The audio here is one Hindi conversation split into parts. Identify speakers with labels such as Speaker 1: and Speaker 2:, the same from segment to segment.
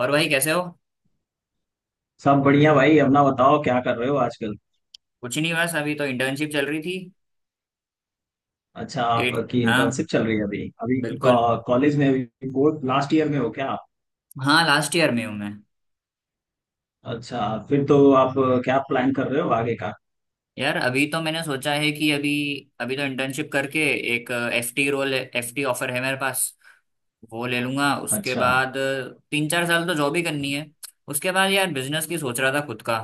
Speaker 1: और भाई कैसे हो?
Speaker 2: सब बढ़िया भाई। अपना बताओ, क्या कर रहे हो आजकल?
Speaker 1: कुछ नहीं, बस अभी तो इंटर्नशिप चल रही थी।
Speaker 2: अच्छा,
Speaker 1: एट।
Speaker 2: आपकी
Speaker 1: हाँ
Speaker 2: इंटर्नशिप चल रही है अभी। अभी
Speaker 1: बिल्कुल।
Speaker 2: कॉलेज में, अभी बोर्ड लास्ट ईयर में हो क्या आप?
Speaker 1: हाँ लास्ट ईयर में हूँ मैं।
Speaker 2: अच्छा, फिर तो आप क्या प्लान कर रहे हो आगे का?
Speaker 1: यार अभी तो मैंने सोचा है कि अभी अभी तो इंटर्नशिप करके एक एफटी रोल एफटी ऑफर है मेरे पास, वो ले लूंगा। उसके
Speaker 2: अच्छा।
Speaker 1: बाद 3 4 साल तो जॉब ही करनी है। उसके बाद यार बिजनेस की सोच रहा था खुद का।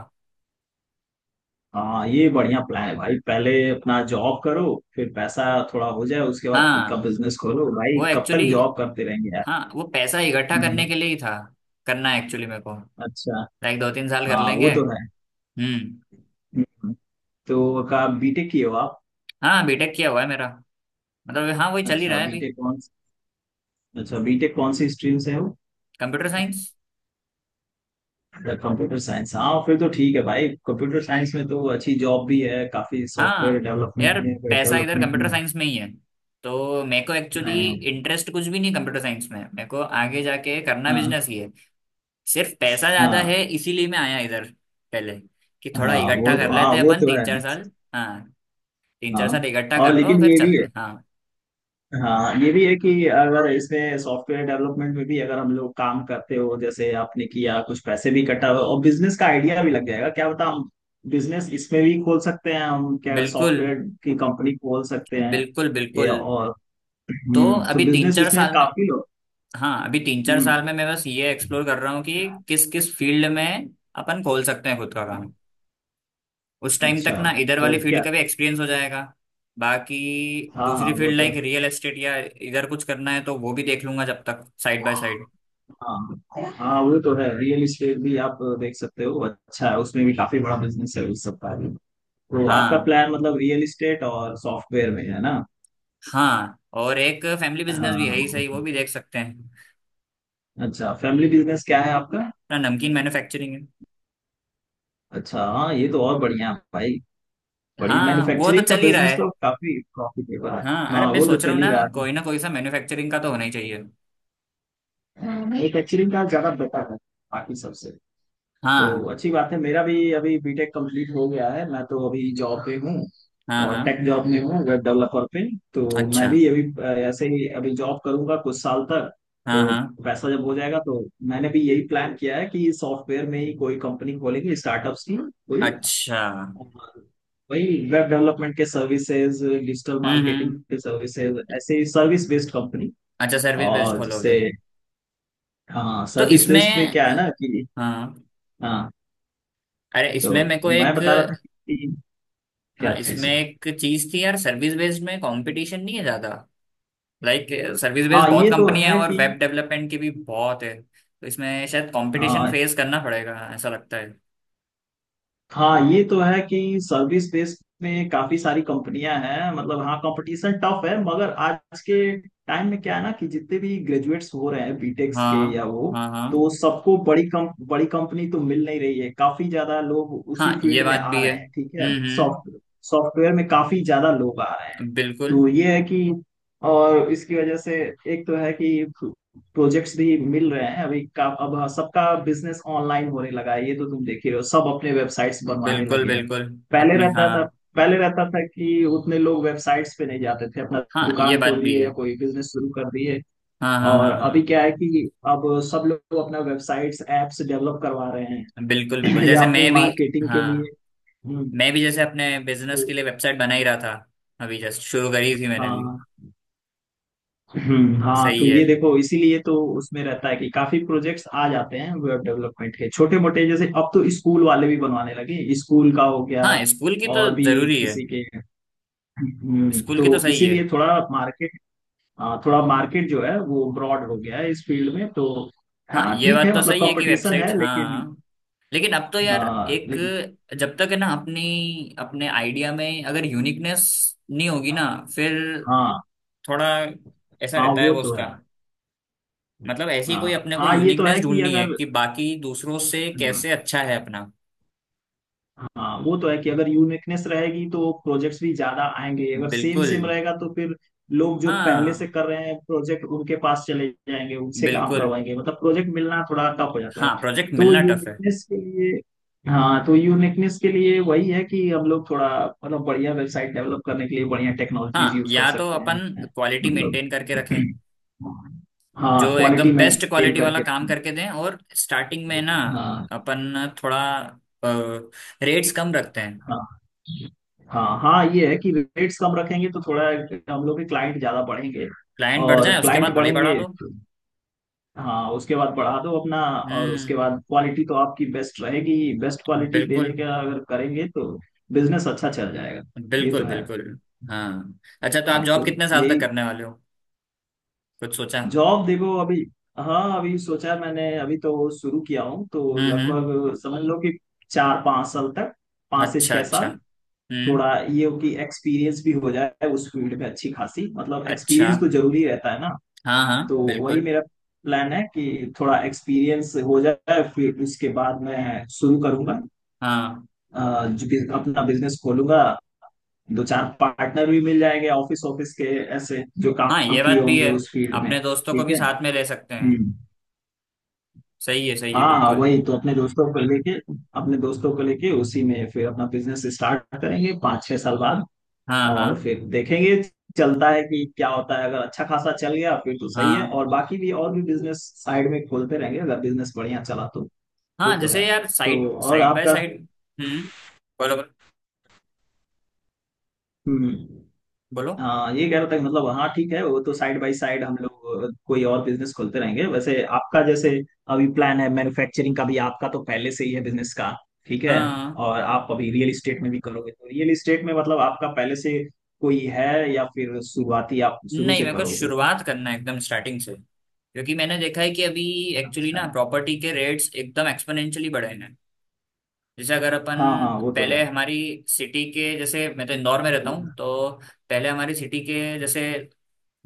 Speaker 2: हाँ, ये बढ़िया प्लान है भाई। पहले अपना जॉब करो, फिर पैसा थोड़ा हो जाए उसके बाद खुद का
Speaker 1: हाँ।
Speaker 2: बिजनेस खोलो भाई।
Speaker 1: वो
Speaker 2: कब
Speaker 1: एक्चुअली
Speaker 2: तक जॉब करते रहेंगे यार।
Speaker 1: हाँ वो पैसा इकट्ठा करने
Speaker 2: हम्म।
Speaker 1: के लिए ही था। करना है एक्चुअली मेरे को।
Speaker 2: अच्छा।
Speaker 1: लाइक 2 3 साल कर
Speaker 2: हाँ
Speaker 1: लेंगे।
Speaker 2: वो तो है।
Speaker 1: हम्म।
Speaker 2: हम्म। तो का बीटेक किए हो आप?
Speaker 1: हाँ बीटेक किया हुआ है मेरा। मतलब हाँ वही चल ही रहा
Speaker 2: अच्छा
Speaker 1: है अभी।
Speaker 2: बीटेक कौन अच्छा, बीटेक कौन सी स्ट्रीम से हो?
Speaker 1: Computer science.
Speaker 2: Computer science? हाँ फिर तो ठीक है भाई, कंप्यूटर साइंस में तो अच्छी जॉब भी है काफी, सॉफ्टवेयर
Speaker 1: हाँ।
Speaker 2: डेवलपमेंट
Speaker 1: यार
Speaker 2: में, वेब
Speaker 1: पैसा इधर
Speaker 2: डेवलपमेंट में।
Speaker 1: कंप्यूटर साइंस में ही है, तो मेरे को एक्चुअली
Speaker 2: हाँ।
Speaker 1: इंटरेस्ट कुछ भी नहीं कंप्यूटर साइंस में। मेरे को आगे जाके करना
Speaker 2: हाँ।
Speaker 1: बिजनेस ही है। सिर्फ पैसा ज्यादा
Speaker 2: हाँ।
Speaker 1: है इसीलिए मैं आया इधर पहले, कि थोड़ा इकट्ठा कर
Speaker 2: हाँ
Speaker 1: लेते हैं
Speaker 2: वो
Speaker 1: अपन
Speaker 2: तो
Speaker 1: तीन
Speaker 2: है।
Speaker 1: चार साल हाँ तीन चार
Speaker 2: हाँ।
Speaker 1: साल इकट्ठा
Speaker 2: और
Speaker 1: कर लो,
Speaker 2: लेकिन
Speaker 1: फिर
Speaker 2: ये भी
Speaker 1: चलते
Speaker 2: है,
Speaker 1: हैं। हाँ
Speaker 2: हाँ ये भी है कि अगर इसमें सॉफ्टवेयर डेवलपमेंट में भी अगर हम लोग काम करते हो जैसे आपने किया, कुछ पैसे भी कटा और बिजनेस का आइडिया भी लग जाएगा, क्या बता हम। बिजनेस इसमें भी खोल सकते हैं हम, क्या
Speaker 1: बिल्कुल।
Speaker 2: सॉफ्टवेयर की कंपनी खोल सकते हैं?
Speaker 1: बिल्कुल
Speaker 2: ये
Speaker 1: बिल्कुल।
Speaker 2: और
Speaker 1: तो
Speaker 2: हम्म, तो
Speaker 1: अभी तीन
Speaker 2: बिजनेस
Speaker 1: चार
Speaker 2: इसमें
Speaker 1: साल में,
Speaker 2: काफी।
Speaker 1: हाँ अभी तीन चार
Speaker 2: हम्म।
Speaker 1: साल में मैं बस ये एक्सप्लोर कर रहा हूँ कि किस किस फील्ड में अपन खोल सकते हैं खुद का काम। उस टाइम तक
Speaker 2: अच्छा,
Speaker 1: ना इधर वाली
Speaker 2: तो
Speaker 1: फील्ड
Speaker 2: क्या।
Speaker 1: का भी एक्सपीरियंस हो जाएगा। बाकी
Speaker 2: हाँ हाँ
Speaker 1: दूसरी
Speaker 2: वो
Speaker 1: फील्ड
Speaker 2: तो
Speaker 1: लाइक
Speaker 2: है।
Speaker 1: रियल एस्टेट या इधर कुछ करना है तो वो भी देख लूंगा जब तक, साइड बाय साइड।
Speaker 2: हाँ हाँ वो तो है, रियल इस्टेट भी आप देख सकते हो, अच्छा है, उसमें भी काफी बड़ा बिजनेस है उस सबका भी। तो आपका
Speaker 1: हाँ।
Speaker 2: प्लान मतलब रियल इस्टेट और सॉफ्टवेयर में है ना?
Speaker 1: हाँ और एक फैमिली बिजनेस भी है ही
Speaker 2: हाँ।
Speaker 1: सही, वो भी देख सकते हैं।
Speaker 2: अच्छा, फैमिली बिजनेस क्या है आपका?
Speaker 1: ना नमकीन मैन्युफैक्चरिंग है।
Speaker 2: अच्छा, हाँ ये तो और बढ़िया है भाई। बढ़िया,
Speaker 1: हाँ वो तो
Speaker 2: मैन्युफैक्चरिंग का
Speaker 1: चल ही रहा
Speaker 2: बिजनेस
Speaker 1: है।
Speaker 2: तो काफी प्रॉफिटेबल है।
Speaker 1: हाँ अरे
Speaker 2: हाँ
Speaker 1: मैं
Speaker 2: वो तो
Speaker 1: सोच रहा
Speaker 2: चल
Speaker 1: हूँ
Speaker 2: ही
Speaker 1: ना,
Speaker 2: रहा है।
Speaker 1: कोई ना कोई सा मैन्युफैक्चरिंग का तो होना ही चाहिए।
Speaker 2: मैन्युफैक्चरिंग का ज्यादा बेटर है बाकी सबसे। तो
Speaker 1: हाँ
Speaker 2: अच्छी बात है, मेरा भी अभी बीटेक कंप्लीट हो गया है, मैं तो अभी जॉब पे हूँ।
Speaker 1: हाँ
Speaker 2: और टेक
Speaker 1: हाँ।
Speaker 2: जॉब में हूँ, वेब डेवलपर पे। तो मैं
Speaker 1: अच्छा।
Speaker 2: भी अभी ऐसे ही अभी जॉब करूंगा कुछ साल तक।
Speaker 1: हाँ
Speaker 2: तो
Speaker 1: हाँ।
Speaker 2: पैसा जब हो जाएगा तो मैंने भी यही प्लान किया है कि सॉफ्टवेयर में ही कोई कंपनी खोलेंगे, स्टार्टअप्स की कोई।
Speaker 1: अच्छा।
Speaker 2: और वही, वेब डेवलपमेंट के सर्विसेज, डिजिटल मार्केटिंग
Speaker 1: हम्म।
Speaker 2: के सर्विसेज, ऐसे ही सर्विस बेस्ड कंपनी।
Speaker 1: अच्छा सर्विस बेस्ड
Speaker 2: और
Speaker 1: खोलोगे?
Speaker 2: जैसे, हाँ
Speaker 1: तो
Speaker 2: सर्विस बेस्ड में
Speaker 1: इसमें,
Speaker 2: क्या है ना कि,
Speaker 1: हाँ,
Speaker 2: हाँ
Speaker 1: अरे
Speaker 2: तो
Speaker 1: इसमें मेरे को
Speaker 2: मैं
Speaker 1: एक,
Speaker 2: बता रहा था कि
Speaker 1: हाँ
Speaker 2: क्या चीज।
Speaker 1: इसमें एक चीज थी यार, सर्विस बेस्ड में कंपटीशन नहीं है ज्यादा। लाइक सर्विस बेस्ड
Speaker 2: हाँ
Speaker 1: बहुत
Speaker 2: ये तो
Speaker 1: कंपनी है
Speaker 2: है
Speaker 1: और
Speaker 2: कि,
Speaker 1: वेब डेवलपमेंट की भी बहुत है, तो इसमें शायद कंपटीशन
Speaker 2: हाँ
Speaker 1: फेस करना पड़ेगा ऐसा लगता है।
Speaker 2: हाँ ये तो है कि सर्विस बेस में काफी सारी कंपनियां हैं, मतलब हाँ कंपटीशन टफ है मगर आज के टाइम में क्या है ना कि जितने भी ग्रेजुएट्स हो रहे हैं बीटेक्स के या
Speaker 1: हाँ
Speaker 2: वो,
Speaker 1: हाँ हाँ।
Speaker 2: तो सबको बड़ी कम, बड़ी कंपनी तो मिल नहीं रही है, काफी ज्यादा लोग
Speaker 1: हाँ
Speaker 2: उसी
Speaker 1: ये
Speaker 2: फील्ड में
Speaker 1: बात
Speaker 2: आ
Speaker 1: भी
Speaker 2: रहे
Speaker 1: है।
Speaker 2: हैं, ठीक है।
Speaker 1: हम्म।
Speaker 2: सॉफ्टवेयर सॉफ्टवेयर में काफी ज्यादा लोग आ रहे हैं।
Speaker 1: बिल्कुल।
Speaker 2: तो ये है कि, और इसकी वजह से एक तो है कि प्रोजेक्ट्स भी मिल रहे हैं अभी का अब। हाँ, सबका बिजनेस ऑनलाइन होने लगा है, ये तो तुम देख ही रहे हो, सब अपने वेबसाइट्स बनवाने
Speaker 1: बिल्कुल
Speaker 2: लगे हैं।
Speaker 1: बिल्कुल।
Speaker 2: पहले
Speaker 1: अपनी
Speaker 2: रहता
Speaker 1: हाँ।
Speaker 2: था पहले रहता था कि उतने लोग वेबसाइट्स पे नहीं जाते थे, अपना
Speaker 1: हाँ ये
Speaker 2: दुकान
Speaker 1: बात
Speaker 2: खोल
Speaker 1: भी
Speaker 2: दिए
Speaker 1: है।
Speaker 2: या कोई बिजनेस शुरू कर दिए।
Speaker 1: हाँ हाँ
Speaker 2: और
Speaker 1: हाँ
Speaker 2: अभी
Speaker 1: हाँ।
Speaker 2: क्या है कि अब सब लोग अपना वेबसाइट्स एप्स डेवलप करवा रहे हैं
Speaker 1: बिल्कुल बिल्कुल
Speaker 2: या
Speaker 1: जैसे
Speaker 2: अपनी
Speaker 1: मैं भी,
Speaker 2: मार्केटिंग के लिए।
Speaker 1: हाँ
Speaker 2: हम्म।
Speaker 1: मैं भी जैसे अपने बिजनेस के
Speaker 2: तो,
Speaker 1: लिए वेबसाइट बना ही रहा था। अभी जस्ट शुरू करी थी मैंने भी।
Speaker 2: हाँ हाँ
Speaker 1: सही
Speaker 2: तो
Speaker 1: है।
Speaker 2: ये देखो इसीलिए तो उसमें रहता है कि काफी प्रोजेक्ट्स आ जाते हैं वेब डेवलपमेंट के, छोटे मोटे, जैसे अब तो स्कूल वाले भी बनवाने लगे, स्कूल का हो गया
Speaker 1: हाँ स्कूल की तो
Speaker 2: और भी
Speaker 1: जरूरी है।
Speaker 2: किसी के।
Speaker 1: स्कूल की तो
Speaker 2: तो
Speaker 1: सही है।
Speaker 2: इसीलिए थोड़ा मार्केट, हाँ थोड़ा मार्केट जो है वो ब्रॉड हो गया है इस फील्ड में तो।
Speaker 1: हाँ
Speaker 2: हाँ
Speaker 1: ये
Speaker 2: ठीक
Speaker 1: बात
Speaker 2: है,
Speaker 1: तो
Speaker 2: मतलब
Speaker 1: सही है कि
Speaker 2: कंपटीशन
Speaker 1: वेबसाइट्स,
Speaker 2: है
Speaker 1: हाँ
Speaker 2: लेकिन,
Speaker 1: लेकिन अब तो यार,
Speaker 2: हाँ
Speaker 1: एक
Speaker 2: लेकिन,
Speaker 1: जब तक है ना अपनी, अपने आइडिया में अगर यूनिकनेस नहीं होगी ना, फिर
Speaker 2: हाँ।
Speaker 1: थोड़ा ऐसा
Speaker 2: हाँ
Speaker 1: रहता है
Speaker 2: वो
Speaker 1: वो
Speaker 2: तो
Speaker 1: उसका।
Speaker 2: है।
Speaker 1: मतलब ऐसी कोई
Speaker 2: हाँ
Speaker 1: अपने को
Speaker 2: हाँ ये तो
Speaker 1: यूनिकनेस
Speaker 2: है कि
Speaker 1: ढूंढनी है
Speaker 2: अगर,
Speaker 1: कि बाकी दूसरों से
Speaker 2: हाँ,
Speaker 1: कैसे अच्छा है अपना।
Speaker 2: हाँ वो तो है कि अगर यूनिकनेस रहेगी तो प्रोजेक्ट्स भी ज्यादा आएंगे, अगर सेम
Speaker 1: बिल्कुल।
Speaker 2: सेम रहेगा तो फिर लोग जो पहले से
Speaker 1: हाँ
Speaker 2: कर रहे हैं प्रोजेक्ट उनके पास चले जाएंगे, उनसे काम
Speaker 1: बिल्कुल।
Speaker 2: करवाएंगे, मतलब प्रोजेक्ट मिलना थोड़ा टफ हो जाता है।
Speaker 1: हाँ प्रोजेक्ट
Speaker 2: तो
Speaker 1: मिलना टफ है।
Speaker 2: यूनिकनेस के लिए, हाँ तो यूनिकनेस के लिए वही है कि हम लोग थोड़ा मतलब बढ़िया वेबसाइट डेवलप करने के लिए बढ़िया टेक्नोलॉजीज
Speaker 1: हाँ
Speaker 2: यूज कर
Speaker 1: या तो
Speaker 2: सकते
Speaker 1: अपन
Speaker 2: हैं।
Speaker 1: क्वालिटी
Speaker 2: मतलब
Speaker 1: मेंटेन करके रखें। जो
Speaker 2: हाँ
Speaker 1: एकदम
Speaker 2: क्वालिटी
Speaker 1: बेस्ट
Speaker 2: मेंटेन
Speaker 1: क्वालिटी वाला
Speaker 2: करके
Speaker 1: काम
Speaker 2: रखें।
Speaker 1: करके दें, और स्टार्टिंग में ना
Speaker 2: हाँ।
Speaker 1: अपन थोड़ा रेट्स कम रखते हैं।
Speaker 2: हाँ। हाँ हाँ ये है कि रेट्स कम रखेंगे तो थोड़ा हम लोग के क्लाइंट ज्यादा बढ़ेंगे।
Speaker 1: क्लाइंट बढ़
Speaker 2: और
Speaker 1: जाए उसके
Speaker 2: क्लाइंट
Speaker 1: बाद भले ही बढ़ा
Speaker 2: बढ़ेंगे
Speaker 1: दो।
Speaker 2: तो- हाँ उसके बाद बढ़ा दो अपना, और उसके
Speaker 1: हम्म।
Speaker 2: बाद क्वालिटी तो आपकी बेस्ट रहेगी। बेस्ट क्वालिटी देने
Speaker 1: बिल्कुल
Speaker 2: का अगर करेंगे तो बिजनेस अच्छा चल जाएगा। ये
Speaker 1: बिल्कुल।
Speaker 2: तो है।
Speaker 1: बिल्कुल। हाँ। अच्छा तो आप
Speaker 2: हाँ
Speaker 1: जॉब
Speaker 2: तो
Speaker 1: कितने साल तक
Speaker 2: यही,
Speaker 1: करने वाले हो? कुछ सोचा?
Speaker 2: जॉब देखो अभी। हाँ अभी सोचा है मैंने, अभी तो शुरू किया हूँ तो
Speaker 1: हम्म।
Speaker 2: लगभग समझ लो कि 4 5 साल तक, पाँच से
Speaker 1: अच्छा
Speaker 2: छह
Speaker 1: अच्छा।
Speaker 2: साल
Speaker 1: हम्म।
Speaker 2: थोड़ा ये हो कि एक्सपीरियंस भी हो जाए उस फील्ड में अच्छी खासी, मतलब
Speaker 1: अच्छा।
Speaker 2: एक्सपीरियंस तो जरूरी रहता है ना।
Speaker 1: हाँ हाँ
Speaker 2: तो वही
Speaker 1: बिल्कुल।
Speaker 2: मेरा प्लान है कि थोड़ा एक्सपीरियंस हो जाए, फिर उसके बाद मैं शुरू करूंगा
Speaker 1: हाँ
Speaker 2: जो अपना बिजनेस खोलूंगा। 2 4 पार्टनर भी मिल जाएंगे, ऑफिस ऑफिस के ऐसे जो
Speaker 1: हाँ
Speaker 2: काम
Speaker 1: ये बात
Speaker 2: किए
Speaker 1: भी
Speaker 2: होंगे
Speaker 1: है।
Speaker 2: उस फील्ड में,
Speaker 1: अपने दोस्तों को
Speaker 2: ठीक
Speaker 1: भी
Speaker 2: है।
Speaker 1: साथ में ले सकते हैं।
Speaker 2: हम्म।
Speaker 1: सही है
Speaker 2: हाँ हाँ
Speaker 1: बिल्कुल।
Speaker 2: वही तो अपने दोस्तों को लेके, अपने दोस्तों को लेके उसी में फिर अपना बिजनेस स्टार्ट करेंगे 5 6 साल बाद।
Speaker 1: हाँ
Speaker 2: और
Speaker 1: हाँ
Speaker 2: फिर देखेंगे चलता है कि क्या होता है, अगर अच्छा खासा चल गया फिर तो सही है,
Speaker 1: हाँ
Speaker 2: और बाकी भी, और भी बिजनेस साइड में खोलते रहेंगे अगर बिजनेस बढ़िया चला तो। वो
Speaker 1: हाँ
Speaker 2: तो है।
Speaker 1: जैसे यार
Speaker 2: तो
Speaker 1: साइड
Speaker 2: और
Speaker 1: साइड बाय
Speaker 2: आपका,
Speaker 1: साइड। हम्म। बोलो बोलो।
Speaker 2: हम्म,
Speaker 1: बोलो।
Speaker 2: हाँ ये कह रहा था कि मतलब हाँ ठीक है, वो तो साइड बाय साइड हम लोग कोई और बिजनेस खोलते रहेंगे। वैसे आपका जैसे अभी प्लान है मैन्युफैक्चरिंग का भी, आपका तो पहले से ही है बिजनेस का, ठीक है।
Speaker 1: हाँ।
Speaker 2: और आप अभी रियल इस्टेट में भी करोगे, तो रियल इस्टेट में मतलब आपका पहले से कोई है या फिर शुरुआती आप शुरू
Speaker 1: नहीं,
Speaker 2: से
Speaker 1: मेरे को
Speaker 2: करोगे?
Speaker 1: शुरुआत करना है एकदम स्टार्टिंग से, क्योंकि मैंने देखा है कि अभी एक्चुअली
Speaker 2: अच्छा।
Speaker 1: ना प्रॉपर्टी के रेट्स एकदम एक्सपोनेंशियली बढ़े हैं। जैसे अगर अपन,
Speaker 2: हाँ हाँ वो तो
Speaker 1: पहले
Speaker 2: है।
Speaker 1: हमारी सिटी के जैसे, मैं तो इंदौर में रहता हूँ, तो पहले हमारी सिटी के जैसे,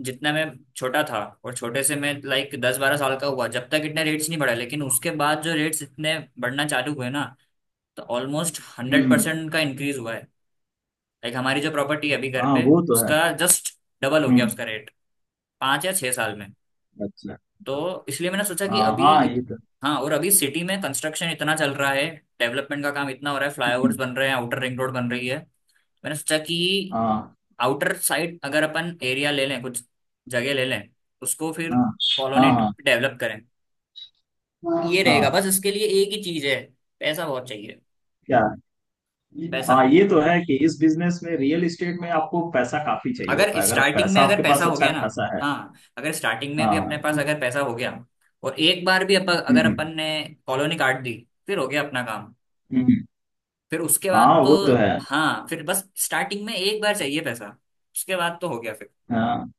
Speaker 1: जितना मैं छोटा था और छोटे से, मैं लाइक 10 12 साल का हुआ जब तक इतने रेट्स नहीं बढ़े, लेकिन उसके बाद जो रेट्स इतने बढ़ना चालू हुए ना, तो ऑलमोस्ट हंड्रेड
Speaker 2: हम्म।
Speaker 1: परसेंट का इंक्रीज हुआ है। लाइक हमारी जो प्रॉपर्टी है अभी घर
Speaker 2: हाँ
Speaker 1: पे,
Speaker 2: वो तो है।
Speaker 1: उसका जस्ट डबल हो गया
Speaker 2: हम्म।
Speaker 1: उसका रेट 5 या 6 साल में।
Speaker 2: अच्छा।
Speaker 1: तो इसलिए मैंने सोचा कि
Speaker 2: हाँ
Speaker 1: अभी
Speaker 2: हाँ ये तो।
Speaker 1: हाँ, और अभी सिटी में कंस्ट्रक्शन इतना चल रहा है, डेवलपमेंट का काम इतना हो रहा है, फ्लाईओवर्स
Speaker 2: हम्म।
Speaker 1: बन रहे हैं, आउटर रिंग रोड बन रही है। मैंने सोचा कि
Speaker 2: हाँ
Speaker 1: आउटर साइड अगर अपन एरिया ले लें, कुछ जगह ले लें, उसको फिर
Speaker 2: हाँ
Speaker 1: कॉलोनी
Speaker 2: हाँ
Speaker 1: डेवलप करें।
Speaker 2: हाँ।
Speaker 1: ये रहेगा, बस
Speaker 2: हाँ
Speaker 1: इसके लिए एक ही चीज है, पैसा बहुत चाहिए।
Speaker 2: क्या,
Speaker 1: पैसा।
Speaker 2: हाँ ये तो है कि इस बिजनेस में रियल एस्टेट में आपको पैसा काफी चाहिए
Speaker 1: अगर
Speaker 2: होता है, अगर
Speaker 1: स्टार्टिंग में
Speaker 2: पैसा
Speaker 1: अगर
Speaker 2: आपके
Speaker 1: पैसा
Speaker 2: पास
Speaker 1: हो
Speaker 2: अच्छा
Speaker 1: गया ना,
Speaker 2: खासा है।
Speaker 1: हाँ अगर स्टार्टिंग में भी अपने
Speaker 2: हाँ।
Speaker 1: पास अगर पैसा हो गया, और एक बार भी अगर
Speaker 2: हम्म।
Speaker 1: अपन ने कॉलोनी काट दी, फिर हो गया अपना काम।
Speaker 2: हम्म,
Speaker 1: फिर उसके बाद
Speaker 2: हाँ
Speaker 1: तो,
Speaker 2: वो तो है।
Speaker 1: हाँ फिर बस स्टार्टिंग में एक बार चाहिए पैसा, उसके बाद तो हो गया फिर।
Speaker 2: हाँ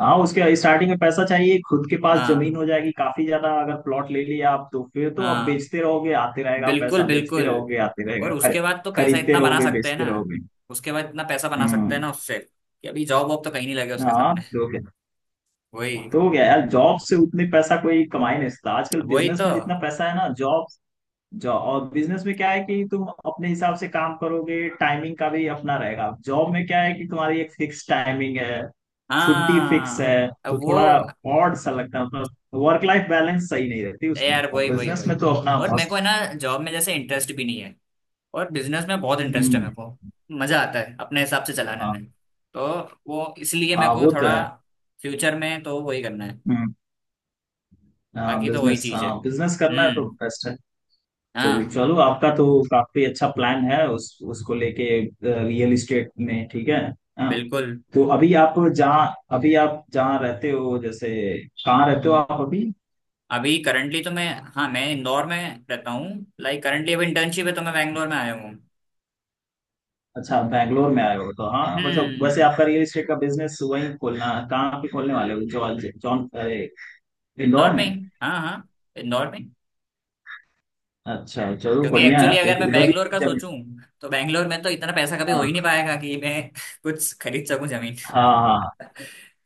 Speaker 2: हाँ उसके, स्टार्टिंग में पैसा चाहिए खुद के पास, जमीन
Speaker 1: हाँ
Speaker 2: हो जाएगी काफी ज्यादा, अगर प्लॉट ले लिया आप तो फिर तो आप
Speaker 1: हाँ
Speaker 2: बेचते रहोगे, आते रहेगा
Speaker 1: बिल्कुल
Speaker 2: पैसा, बेचते
Speaker 1: बिल्कुल।
Speaker 2: रहोगे आते रहेगा,
Speaker 1: और उसके बाद तो पैसा
Speaker 2: खरीदते
Speaker 1: इतना बना
Speaker 2: रहोगे
Speaker 1: सकते हैं
Speaker 2: बेचते
Speaker 1: ना,
Speaker 2: रहोगे।
Speaker 1: उसके बाद इतना पैसा बना सकते हैं
Speaker 2: हम्म।
Speaker 1: ना उससे, कि अभी जॉब वॉब तो कहीं नहीं लगे उसके
Speaker 2: हाँ
Speaker 1: सामने।
Speaker 2: तो हो गया।
Speaker 1: वही।
Speaker 2: तो हो गया यार, जॉब से उतने पैसा कोई कमा ही नहीं सकता आजकल,
Speaker 1: वही
Speaker 2: बिजनेस
Speaker 1: तो।
Speaker 2: में जितना पैसा है ना। जॉब, जॉब और बिजनेस में क्या है कि तुम अपने हिसाब से काम करोगे, टाइमिंग का भी अपना रहेगा। जॉब में क्या है कि तुम्हारी एक फिक्स टाइमिंग है, छुट्टी फिक्स
Speaker 1: हाँ
Speaker 2: है,
Speaker 1: अब
Speaker 2: तो थोड़ा
Speaker 1: वो,
Speaker 2: ऑड सा लगता है, मतलब वर्क लाइफ बैलेंस सही नहीं रहती उसमें,
Speaker 1: यार
Speaker 2: और
Speaker 1: वही वही
Speaker 2: बिजनेस
Speaker 1: वही।
Speaker 2: में तो अपना
Speaker 1: और मेरे को है
Speaker 2: मस्त।
Speaker 1: ना जॉब में जैसे इंटरेस्ट भी नहीं है, और बिजनेस में बहुत इंटरेस्ट है मेरे
Speaker 2: हम्म।
Speaker 1: को। मजा आता है अपने हिसाब से चलाने
Speaker 2: हाँ
Speaker 1: में। तो वो इसलिए मेरे
Speaker 2: हाँ
Speaker 1: को
Speaker 2: वो तो
Speaker 1: थोड़ा,
Speaker 2: है।
Speaker 1: फ्यूचर में तो वही करना है।
Speaker 2: हम्म। हाँ
Speaker 1: बाकी तो वही
Speaker 2: बिजनेस,
Speaker 1: चीज है।
Speaker 2: हाँ बिजनेस करना है तो
Speaker 1: हम्म।
Speaker 2: बेस्ट है। तो
Speaker 1: हाँ
Speaker 2: चलो आपका तो काफी अच्छा प्लान है उस उसको लेके, रियल इस्टेट में, ठीक है। हाँ।
Speaker 1: बिल्कुल।
Speaker 2: तो अभी आप जहाँ रहते हो जैसे, कहाँ रहते हो
Speaker 1: हम्म।
Speaker 2: आप अभी?
Speaker 1: अभी करंटली तो मैं, हाँ मैं इंदौर में रहता हूँ। लाइक करंटली अभी इंटर्नशिप है तो मैं बैंगलोर में आया हूँ।
Speaker 2: अच्छा बैंगलोर में आए हो तो, हाँ मतलब वैसे
Speaker 1: हम्म
Speaker 2: आपका रियल इस्टेट का बिजनेस वहीं खोलना, कहाँ पे खोलने वाले हो? जॉन जॉन अरे, इंदौर
Speaker 1: इंदौर में
Speaker 2: में?
Speaker 1: ही। हाँ हाँ इंदौर में।
Speaker 2: अच्छा चलो
Speaker 1: क्योंकि
Speaker 2: बढ़िया है,
Speaker 1: एक्चुअली अगर
Speaker 2: फिर
Speaker 1: मैं
Speaker 2: उधर
Speaker 1: बैंगलोर
Speaker 2: भी
Speaker 1: का
Speaker 2: जब,
Speaker 1: सोचूं, तो बैंगलोर में तो इतना पैसा कभी हो ही नहीं
Speaker 2: हाँ
Speaker 1: पाएगा कि मैं कुछ खरीद सकूं जमीन।
Speaker 2: हाँ हाँ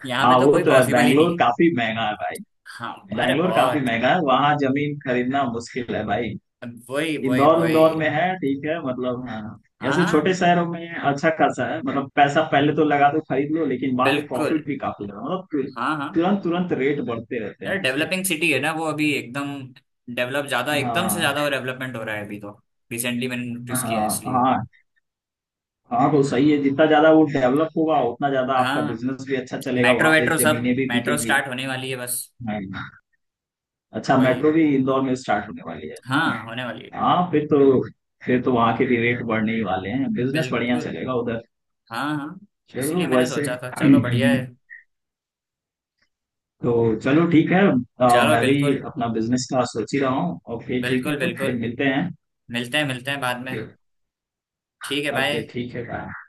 Speaker 1: यहाँ पे
Speaker 2: हाँ
Speaker 1: तो
Speaker 2: वो
Speaker 1: कोई
Speaker 2: तो है,
Speaker 1: पॉसिबल ही नहीं
Speaker 2: बैंगलोर
Speaker 1: है।
Speaker 2: काफी महंगा है भाई।
Speaker 1: हाँ अरे
Speaker 2: बैंगलोर काफी
Speaker 1: बहुत।
Speaker 2: महंगा है, वहाँ जमीन खरीदना मुश्किल है भाई।
Speaker 1: वही वही
Speaker 2: इंदौर,
Speaker 1: वही।
Speaker 2: इंदौर में है ठीक है, मतलब हाँ, ऐसे
Speaker 1: हाँ
Speaker 2: छोटे शहरों में अच्छा खासा है, मतलब पैसा पहले तो लगा दो खरीद लो लेकिन बाद में
Speaker 1: बिल्कुल।
Speaker 2: प्रॉफिट भी काफी है, मतलब
Speaker 1: हाँ हाँ
Speaker 2: तुरंत तुरंत रेट बढ़ते रहते हैं
Speaker 1: अरे
Speaker 2: उसके।
Speaker 1: डेवलपिंग सिटी है ना वो अभी एकदम, डेवलप ज्यादा एकदम से
Speaker 2: हाँ।
Speaker 1: ज्यादा डेवलपमेंट हो रहा है अभी तो। रिसेंटली मैंने नोटिस किया है
Speaker 2: हाँ
Speaker 1: इसलिए।
Speaker 2: हाँ हाँ तो सही है, जितना ज्यादा वो डेवलप होगा उतना ज्यादा आपका
Speaker 1: हाँ
Speaker 2: बिजनेस भी अच्छा चलेगा,
Speaker 1: मेट्रो
Speaker 2: वहां पे
Speaker 1: वेट्रो, सब
Speaker 2: जमीनें भी
Speaker 1: मेट्रो
Speaker 2: बिकेंगी।
Speaker 1: स्टार्ट होने वाली है बस।
Speaker 2: हाँ। अच्छा,
Speaker 1: वही।
Speaker 2: मेट्रो भी इंदौर में स्टार्ट होने वाली है ना?
Speaker 1: हाँ होने वाली
Speaker 2: हाँ फिर तो, फिर तो वहां के भी रेट बढ़ने ही वाले हैं,
Speaker 1: है
Speaker 2: बिजनेस बढ़िया
Speaker 1: बिल्कुल।
Speaker 2: चलेगा उधर।
Speaker 1: हाँ हाँ
Speaker 2: चलो
Speaker 1: इसीलिए मैंने
Speaker 2: वैसे
Speaker 1: सोचा था, चलो बढ़िया है।
Speaker 2: तो चलो ठीक है,
Speaker 1: चलो
Speaker 2: मैं भी
Speaker 1: बिल्कुल।
Speaker 2: अपना बिजनेस का सोच ही रहा हूँ। ओके ठीक
Speaker 1: बिल्कुल
Speaker 2: है फिर
Speaker 1: बिल्कुल।
Speaker 2: मिलते हैं।
Speaker 1: मिलते हैं बाद में। ठीक है
Speaker 2: ओके
Speaker 1: भाई।
Speaker 2: ठीक है बाय।